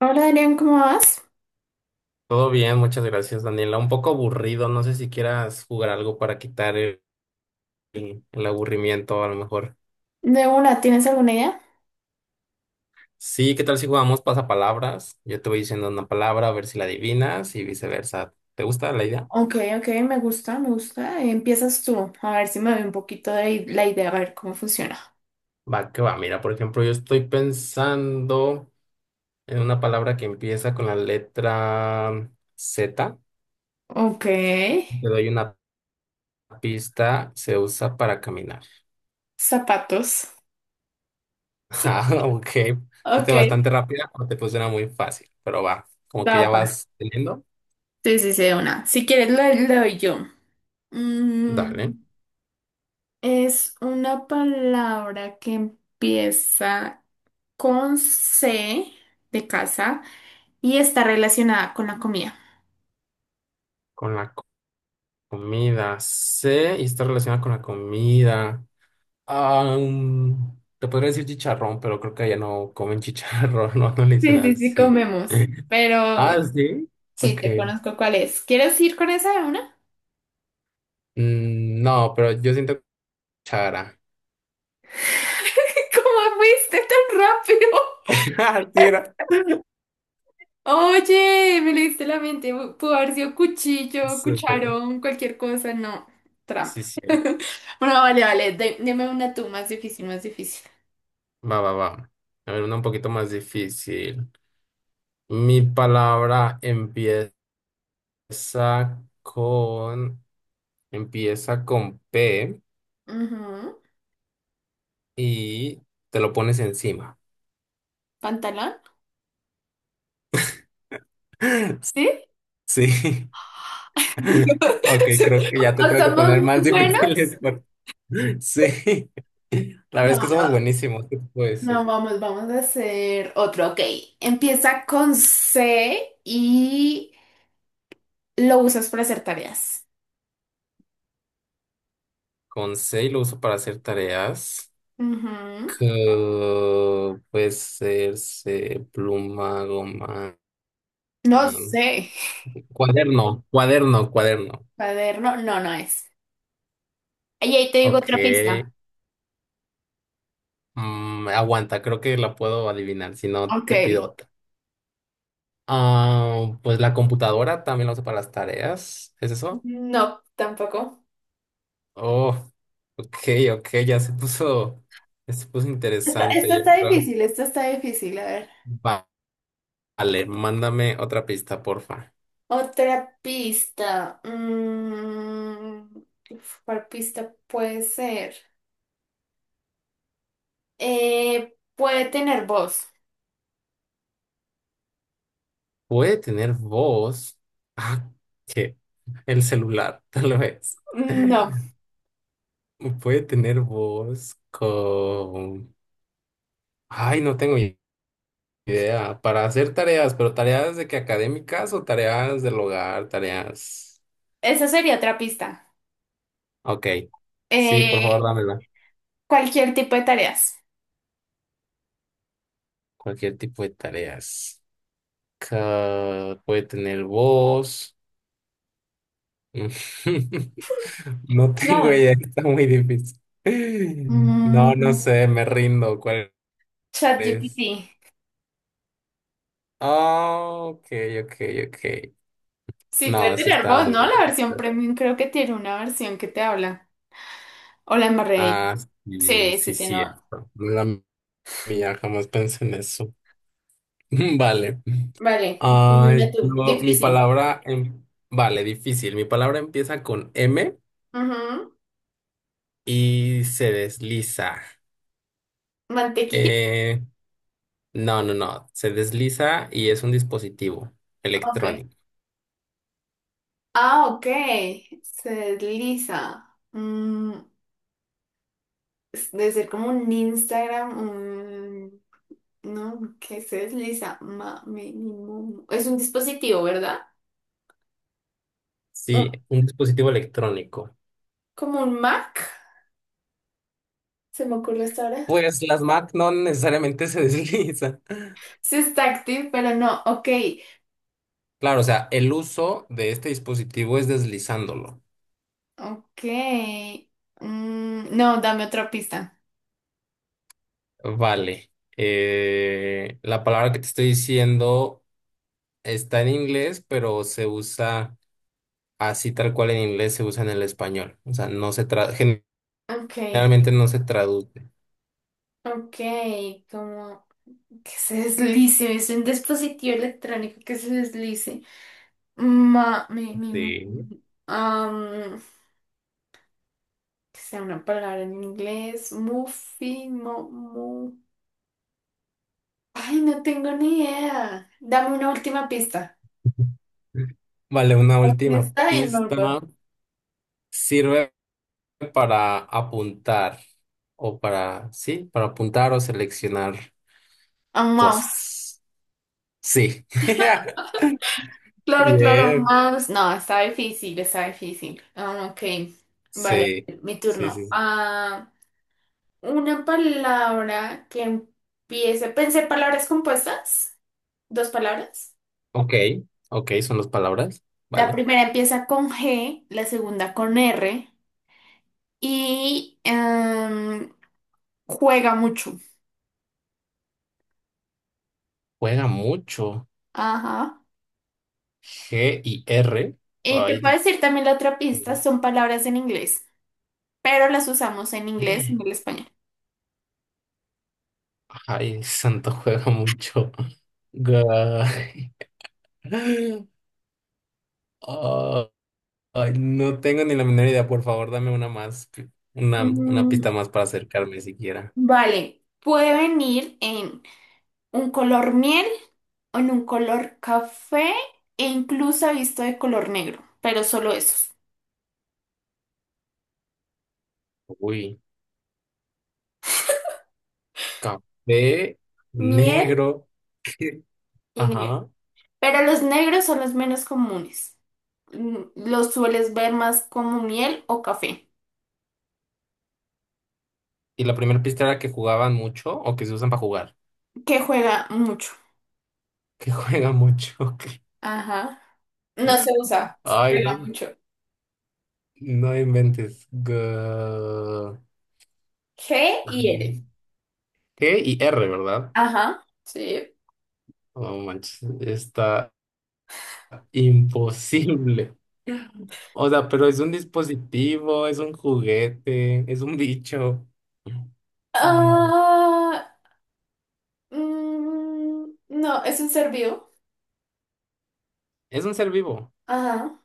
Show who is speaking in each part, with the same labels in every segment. Speaker 1: Hola Adrián, ¿cómo vas?
Speaker 2: Todo bien, muchas gracias, Daniela. Un poco aburrido, no sé si quieras jugar algo para quitar el, el aburrimiento, a lo mejor.
Speaker 1: De una, ¿tienes alguna idea?
Speaker 2: Sí, ¿qué tal si jugamos pasapalabras? Yo te voy diciendo una palabra, a ver si la adivinas y viceversa. ¿Te gusta la idea?
Speaker 1: Ok, ok, me gusta, me gusta. Empiezas tú, a ver si me doy un poquito de la idea, a ver cómo funciona.
Speaker 2: Va, que va. Mira, por ejemplo, yo estoy pensando en una palabra que empieza con la letra Z.
Speaker 1: Ok,
Speaker 2: Te doy una pista, se usa para caminar.
Speaker 1: zapatos. Sí.
Speaker 2: Ah, ok.
Speaker 1: Ok,
Speaker 2: Este bastante rápida, pero te funciona muy fácil, pero va, como que ya
Speaker 1: tapas.
Speaker 2: vas teniendo.
Speaker 1: Sí, sí, sí, de una. Si quieres, la le doy yo.
Speaker 2: Dale.
Speaker 1: Mm, es una palabra que empieza con C de casa y está relacionada con la comida.
Speaker 2: Con la comida. C y está relacionada con la comida. Ah, te podría decir chicharrón, pero creo que allá no comen chicharrón, no, no le dicen
Speaker 1: Sí, sí, sí,
Speaker 2: así.
Speaker 1: comemos, pero.
Speaker 2: Ah, sí.
Speaker 1: Sí,
Speaker 2: Ok.
Speaker 1: te conozco cuál es. ¿Quieres ir con esa de una?
Speaker 2: No, pero yo siento chara.
Speaker 1: ¿Cómo fuiste tan rápido?
Speaker 2: Ah, sí era.
Speaker 1: Oye, me leíste la mente. Pudo haber sido cuchillo,
Speaker 2: Súper.
Speaker 1: cucharón, cualquier cosa. No, trampa.
Speaker 2: Sí, sí.
Speaker 1: Bueno, vale, vale. Deme una tú más difícil, más difícil.
Speaker 2: Va, va, va. A ver, una un poquito más difícil. Mi palabra empieza con. Empieza con P.
Speaker 1: Ujú.
Speaker 2: Y te lo pones encima.
Speaker 1: ¿Pantalón? ¿Sí?
Speaker 2: Sí. Ok, creo que ya te
Speaker 1: ¿O
Speaker 2: tengo que
Speaker 1: somos
Speaker 2: poner más
Speaker 1: muy buenos?
Speaker 2: difíciles. Sí. La verdad
Speaker 1: No,
Speaker 2: es que
Speaker 1: no,
Speaker 2: somos buenísimos, ¿qué te puedo
Speaker 1: no,
Speaker 2: decir?
Speaker 1: vamos, vamos a hacer otro. Ok, empieza con C y lo usas para hacer tareas.
Speaker 2: Con C lo uso para hacer tareas.
Speaker 1: Ujú.
Speaker 2: Que puede ser C, pluma, goma,
Speaker 1: No
Speaker 2: am,
Speaker 1: sé.
Speaker 2: cuaderno.
Speaker 1: Cuaderno, no, no es. Y ahí te digo
Speaker 2: Ok.
Speaker 1: otra pista.
Speaker 2: Aguanta, creo que la puedo adivinar, si no
Speaker 1: Ok.
Speaker 2: te pido. Ah, pues la computadora también la uso para las tareas. ¿Es eso?
Speaker 1: No, tampoco.
Speaker 2: Oh, ok, ok, ya se puso
Speaker 1: Esta,
Speaker 2: interesante,
Speaker 1: esta
Speaker 2: yo
Speaker 1: está
Speaker 2: creo.
Speaker 1: difícil, esta está difícil. A ver.
Speaker 2: Va- Vale, mándame otra pista, porfa.
Speaker 1: Otra pista. Uf, ¿cuál pista puede ser? Puede tener voz.
Speaker 2: ¿Puede tener voz? Ah, ¿qué? El celular, tal vez.
Speaker 1: No,
Speaker 2: Puede tener voz con... Ay, no tengo idea. Para hacer tareas, pero tareas de que académicas o tareas del hogar, tareas...
Speaker 1: esa sería otra pista.
Speaker 2: Ok. Sí, por
Speaker 1: Eh,
Speaker 2: favor, dámela.
Speaker 1: Cualquier tipo de tareas.
Speaker 2: Cualquier tipo de tareas. Ca- puede tener voz. No tengo
Speaker 1: Nada.
Speaker 2: idea, está muy difícil. No, no
Speaker 1: Mm,
Speaker 2: sé, me rindo. ¿Cuál
Speaker 1: ChatGPT.
Speaker 2: es? Ah, ok, ok, ok.
Speaker 1: Sí, puede
Speaker 2: No, sí
Speaker 1: tener
Speaker 2: estaba
Speaker 1: voz,
Speaker 2: muy
Speaker 1: ¿no? La
Speaker 2: lento.
Speaker 1: versión premium creo que tiene una versión que te habla. Hola, Marrey.
Speaker 2: Ah, sí,
Speaker 1: Sí, sí,
Speaker 2: sí,
Speaker 1: tiene.
Speaker 2: cierto. No era mía, jamás pensé en eso. Vale.
Speaker 1: Vale, dime
Speaker 2: Ay,
Speaker 1: una tú.
Speaker 2: mi
Speaker 1: Difícil.
Speaker 2: palabra, vale, difícil. Mi palabra empieza con M
Speaker 1: Ujú.
Speaker 2: y se desliza.
Speaker 1: Mantequilla.
Speaker 2: Eh, no, no, no. Se desliza y es un dispositivo
Speaker 1: Ok.
Speaker 2: electrónico.
Speaker 1: Ah, ok. Se desliza. Debe ser como un Instagram, un... No, que se desliza. Es un dispositivo, ¿verdad? Un-
Speaker 2: Sí, un dispositivo electrónico.
Speaker 1: Como un Mac, se me ocurre hasta ahora.
Speaker 2: Pues las Mac no necesariamente se deslizan.
Speaker 1: Sí está activo, pero no, ok.
Speaker 2: Claro, o sea, el uso de este dispositivo es deslizándolo.
Speaker 1: Ok. No, dame otra pista.
Speaker 2: Vale. La palabra que te estoy diciendo está en inglés, pero se usa así tal cual. En inglés se usa en el español. O sea, no se
Speaker 1: Ok,
Speaker 2: generalmente no se traduce.
Speaker 1: ok, como que se deslice, es un dispositivo electrónico que se deslice. Ma, mi,
Speaker 2: Sí.
Speaker 1: am, que sea una palabra en inglés, muffin, mo, mu. Ay, no tengo ni idea. Dame una última pista.
Speaker 2: Vale, una
Speaker 1: Lo que
Speaker 2: última
Speaker 1: está en
Speaker 2: pista.
Speaker 1: Melbourne.
Speaker 2: Sirve para apuntar o para, sí, para apuntar o seleccionar
Speaker 1: A mouse.
Speaker 2: cosas. Sí.
Speaker 1: Claro, claro,
Speaker 2: Bien.
Speaker 1: más. No, está difícil, está difícil. Ah, ok, vale,
Speaker 2: Sí,
Speaker 1: mi
Speaker 2: sí,
Speaker 1: turno.
Speaker 2: sí. Sí.
Speaker 1: Ah, una palabra que empiece. Pensé palabras compuestas, dos palabras.
Speaker 2: Ok, ok, son las palabras.
Speaker 1: La
Speaker 2: Vale.
Speaker 1: primera empieza con G, la segunda con R y juega mucho.
Speaker 2: Juega mucho.
Speaker 1: Ajá.
Speaker 2: G y R.
Speaker 1: Y te
Speaker 2: Ay,
Speaker 1: puedo
Speaker 2: Dios
Speaker 1: decir también la otra pista, son palabras en inglés, pero las usamos en inglés y
Speaker 2: mío.
Speaker 1: en el español.
Speaker 2: Ay, Santos juega mucho. Guay. Ah, ay, no tengo ni la menor idea. Por favor, dame una más, una
Speaker 1: Mm,
Speaker 2: pista más para acercarme siquiera.
Speaker 1: vale, puede venir en un color miel, en un color café e incluso he visto de color negro, pero solo esos,
Speaker 2: Uy, café
Speaker 1: miel
Speaker 2: negro.
Speaker 1: y negro.
Speaker 2: Ajá.
Speaker 1: Pero los negros son los menos comunes. Los sueles ver más como miel o café,
Speaker 2: Y la primera pista era que jugaban mucho o que se usan para jugar.
Speaker 1: que juega mucho.
Speaker 2: Que juegan mucho. Ok.
Speaker 1: Ajá. No se usa,
Speaker 2: Ay,
Speaker 1: juega
Speaker 2: no,
Speaker 1: mucho.
Speaker 2: no inventes.
Speaker 1: G y L.
Speaker 2: G y R, ¿verdad?
Speaker 1: Ajá, sí.
Speaker 2: No manches, está imposible. O sea, pero es un dispositivo, es un juguete, es un bicho. Ay, no.
Speaker 1: Ah, no, es un ser vivo.
Speaker 2: Es un ser vivo.
Speaker 1: Ajá.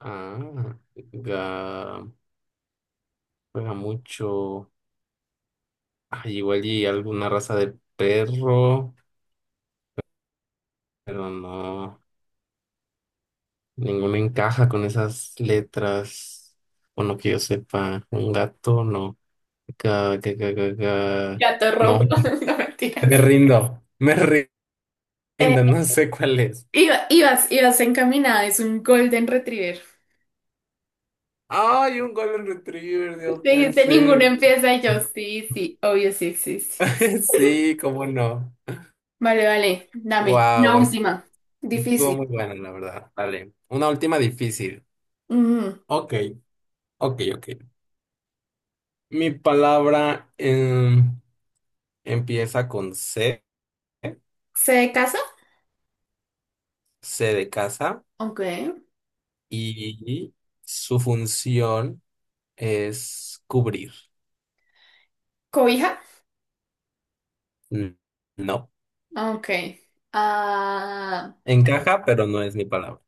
Speaker 2: Ah, ga- juega mucho. Ay, igual y alguna raza de perro, pero no. Ninguno encaja con esas letras. Bueno, que yo sepa, un gato, no. Ga- ga- ga- ga- ga.
Speaker 1: Gato
Speaker 2: No,
Speaker 1: rojo, no mentiras.
Speaker 2: me rindo, no sé cuál es.
Speaker 1: Ibas encaminada, es un Golden Retriever.
Speaker 2: Ay, un Golden Retriever, Dios puede
Speaker 1: Dijiste, ninguno
Speaker 2: ser.
Speaker 1: empieza y yo, sí, sí, obvio sí existe.
Speaker 2: Sí, cómo no.
Speaker 1: Vale, vale, dame, la
Speaker 2: Wow,
Speaker 1: última.
Speaker 2: estuvo
Speaker 1: Difícil.
Speaker 2: muy bueno, la verdad. Vale. Una última difícil.
Speaker 1: Ujú.
Speaker 2: Ok, ok, ok. Mi palabra empieza con C,
Speaker 1: ¿Se de casa?
Speaker 2: C de casa,
Speaker 1: Ok.
Speaker 2: y su función es cubrir.
Speaker 1: ¿Cobija?
Speaker 2: N- No.
Speaker 1: Ok. Ah,
Speaker 2: Encaja, pero no es mi palabra.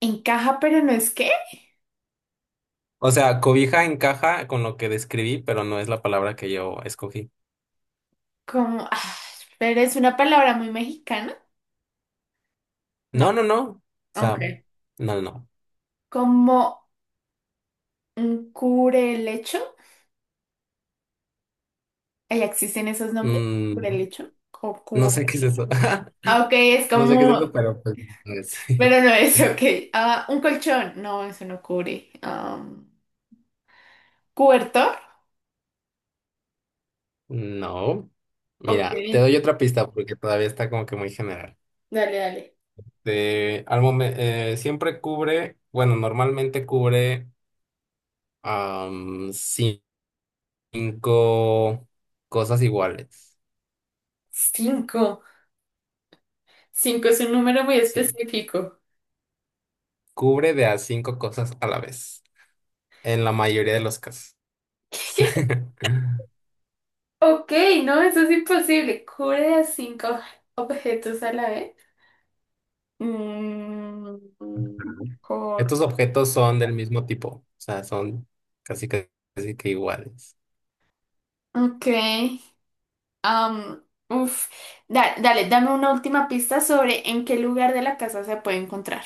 Speaker 1: ¿encaja pero no es qué?
Speaker 2: O sea, cobija encaja con lo que describí, pero no es la palabra que yo escogí.
Speaker 1: Como, ah, pero es una palabra muy mexicana. No,
Speaker 2: No, no, no. O sea,
Speaker 1: ok.
Speaker 2: no, no, no.
Speaker 1: ¿Como un cubrelecho? ¿Ya existen esos nombres?
Speaker 2: Mm,
Speaker 1: ¿Cubrelecho? ¿O
Speaker 2: no sé qué es
Speaker 1: cubre?
Speaker 2: eso.
Speaker 1: Ah, ok, es
Speaker 2: No sé qué es
Speaker 1: como.
Speaker 2: eso, pero pues no es.
Speaker 1: Pero no es, ok. Ah, un colchón. No, eso no cubre. ¿Cobertor?
Speaker 2: No.
Speaker 1: Ok,
Speaker 2: Mira, te doy otra pista porque todavía está como que muy general.
Speaker 1: dale, dale.
Speaker 2: De, al siempre cubre, bueno, normalmente cubre am, cinco cosas iguales.
Speaker 1: Cinco. Cinco es un número muy
Speaker 2: Sí,
Speaker 1: específico.
Speaker 2: cubre de a cinco cosas a la vez, en la mayoría de los casos.
Speaker 1: Ok, no, eso es imposible. Cubre a cinco objetos a la vez. Mm, cor-
Speaker 2: Estos objetos son del mismo tipo, o sea, son casi, casi que iguales.
Speaker 1: Ok. Uf. Dame una última pista sobre en qué lugar de la casa se puede encontrar.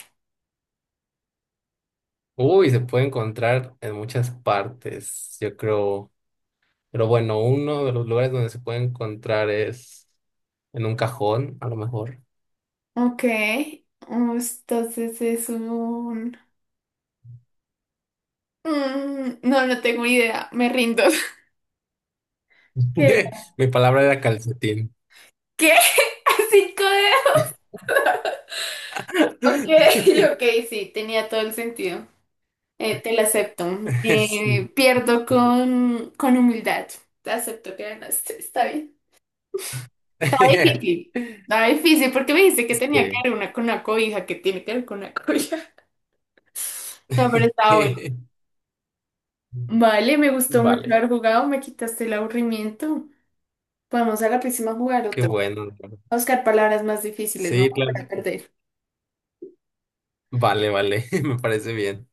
Speaker 2: Uy, se puede encontrar en muchas partes, yo creo. Pero bueno, uno de los lugares donde se puede encontrar es en un cajón, a lo mejor.
Speaker 1: Ok. Entonces es un... No, no tengo idea. Me rindo. ¿Qué?
Speaker 2: Mi palabra era calcetín.
Speaker 1: ¿Qué? ¿Cinco dedos? Ok, ok, sí, tenía todo el sentido. Te lo acepto.
Speaker 2: Sí.
Speaker 1: Pierdo con humildad. Te acepto que ganaste. Está bien. Difícil. Estaba difícil porque me dijiste que tenía que
Speaker 2: Sí.
Speaker 1: ver una con una cobija, que tiene que ver con una cobija. No, pero estaba bueno. Vale, me gustó mucho
Speaker 2: Vale,
Speaker 1: haber jugado, me quitaste el aburrimiento. Vamos a la próxima a jugar
Speaker 2: qué
Speaker 1: otro.
Speaker 2: bueno.
Speaker 1: A buscar palabras más difíciles, no
Speaker 2: Sí, claro.
Speaker 1: voy a perder.
Speaker 2: Vale, vale, me parece bien.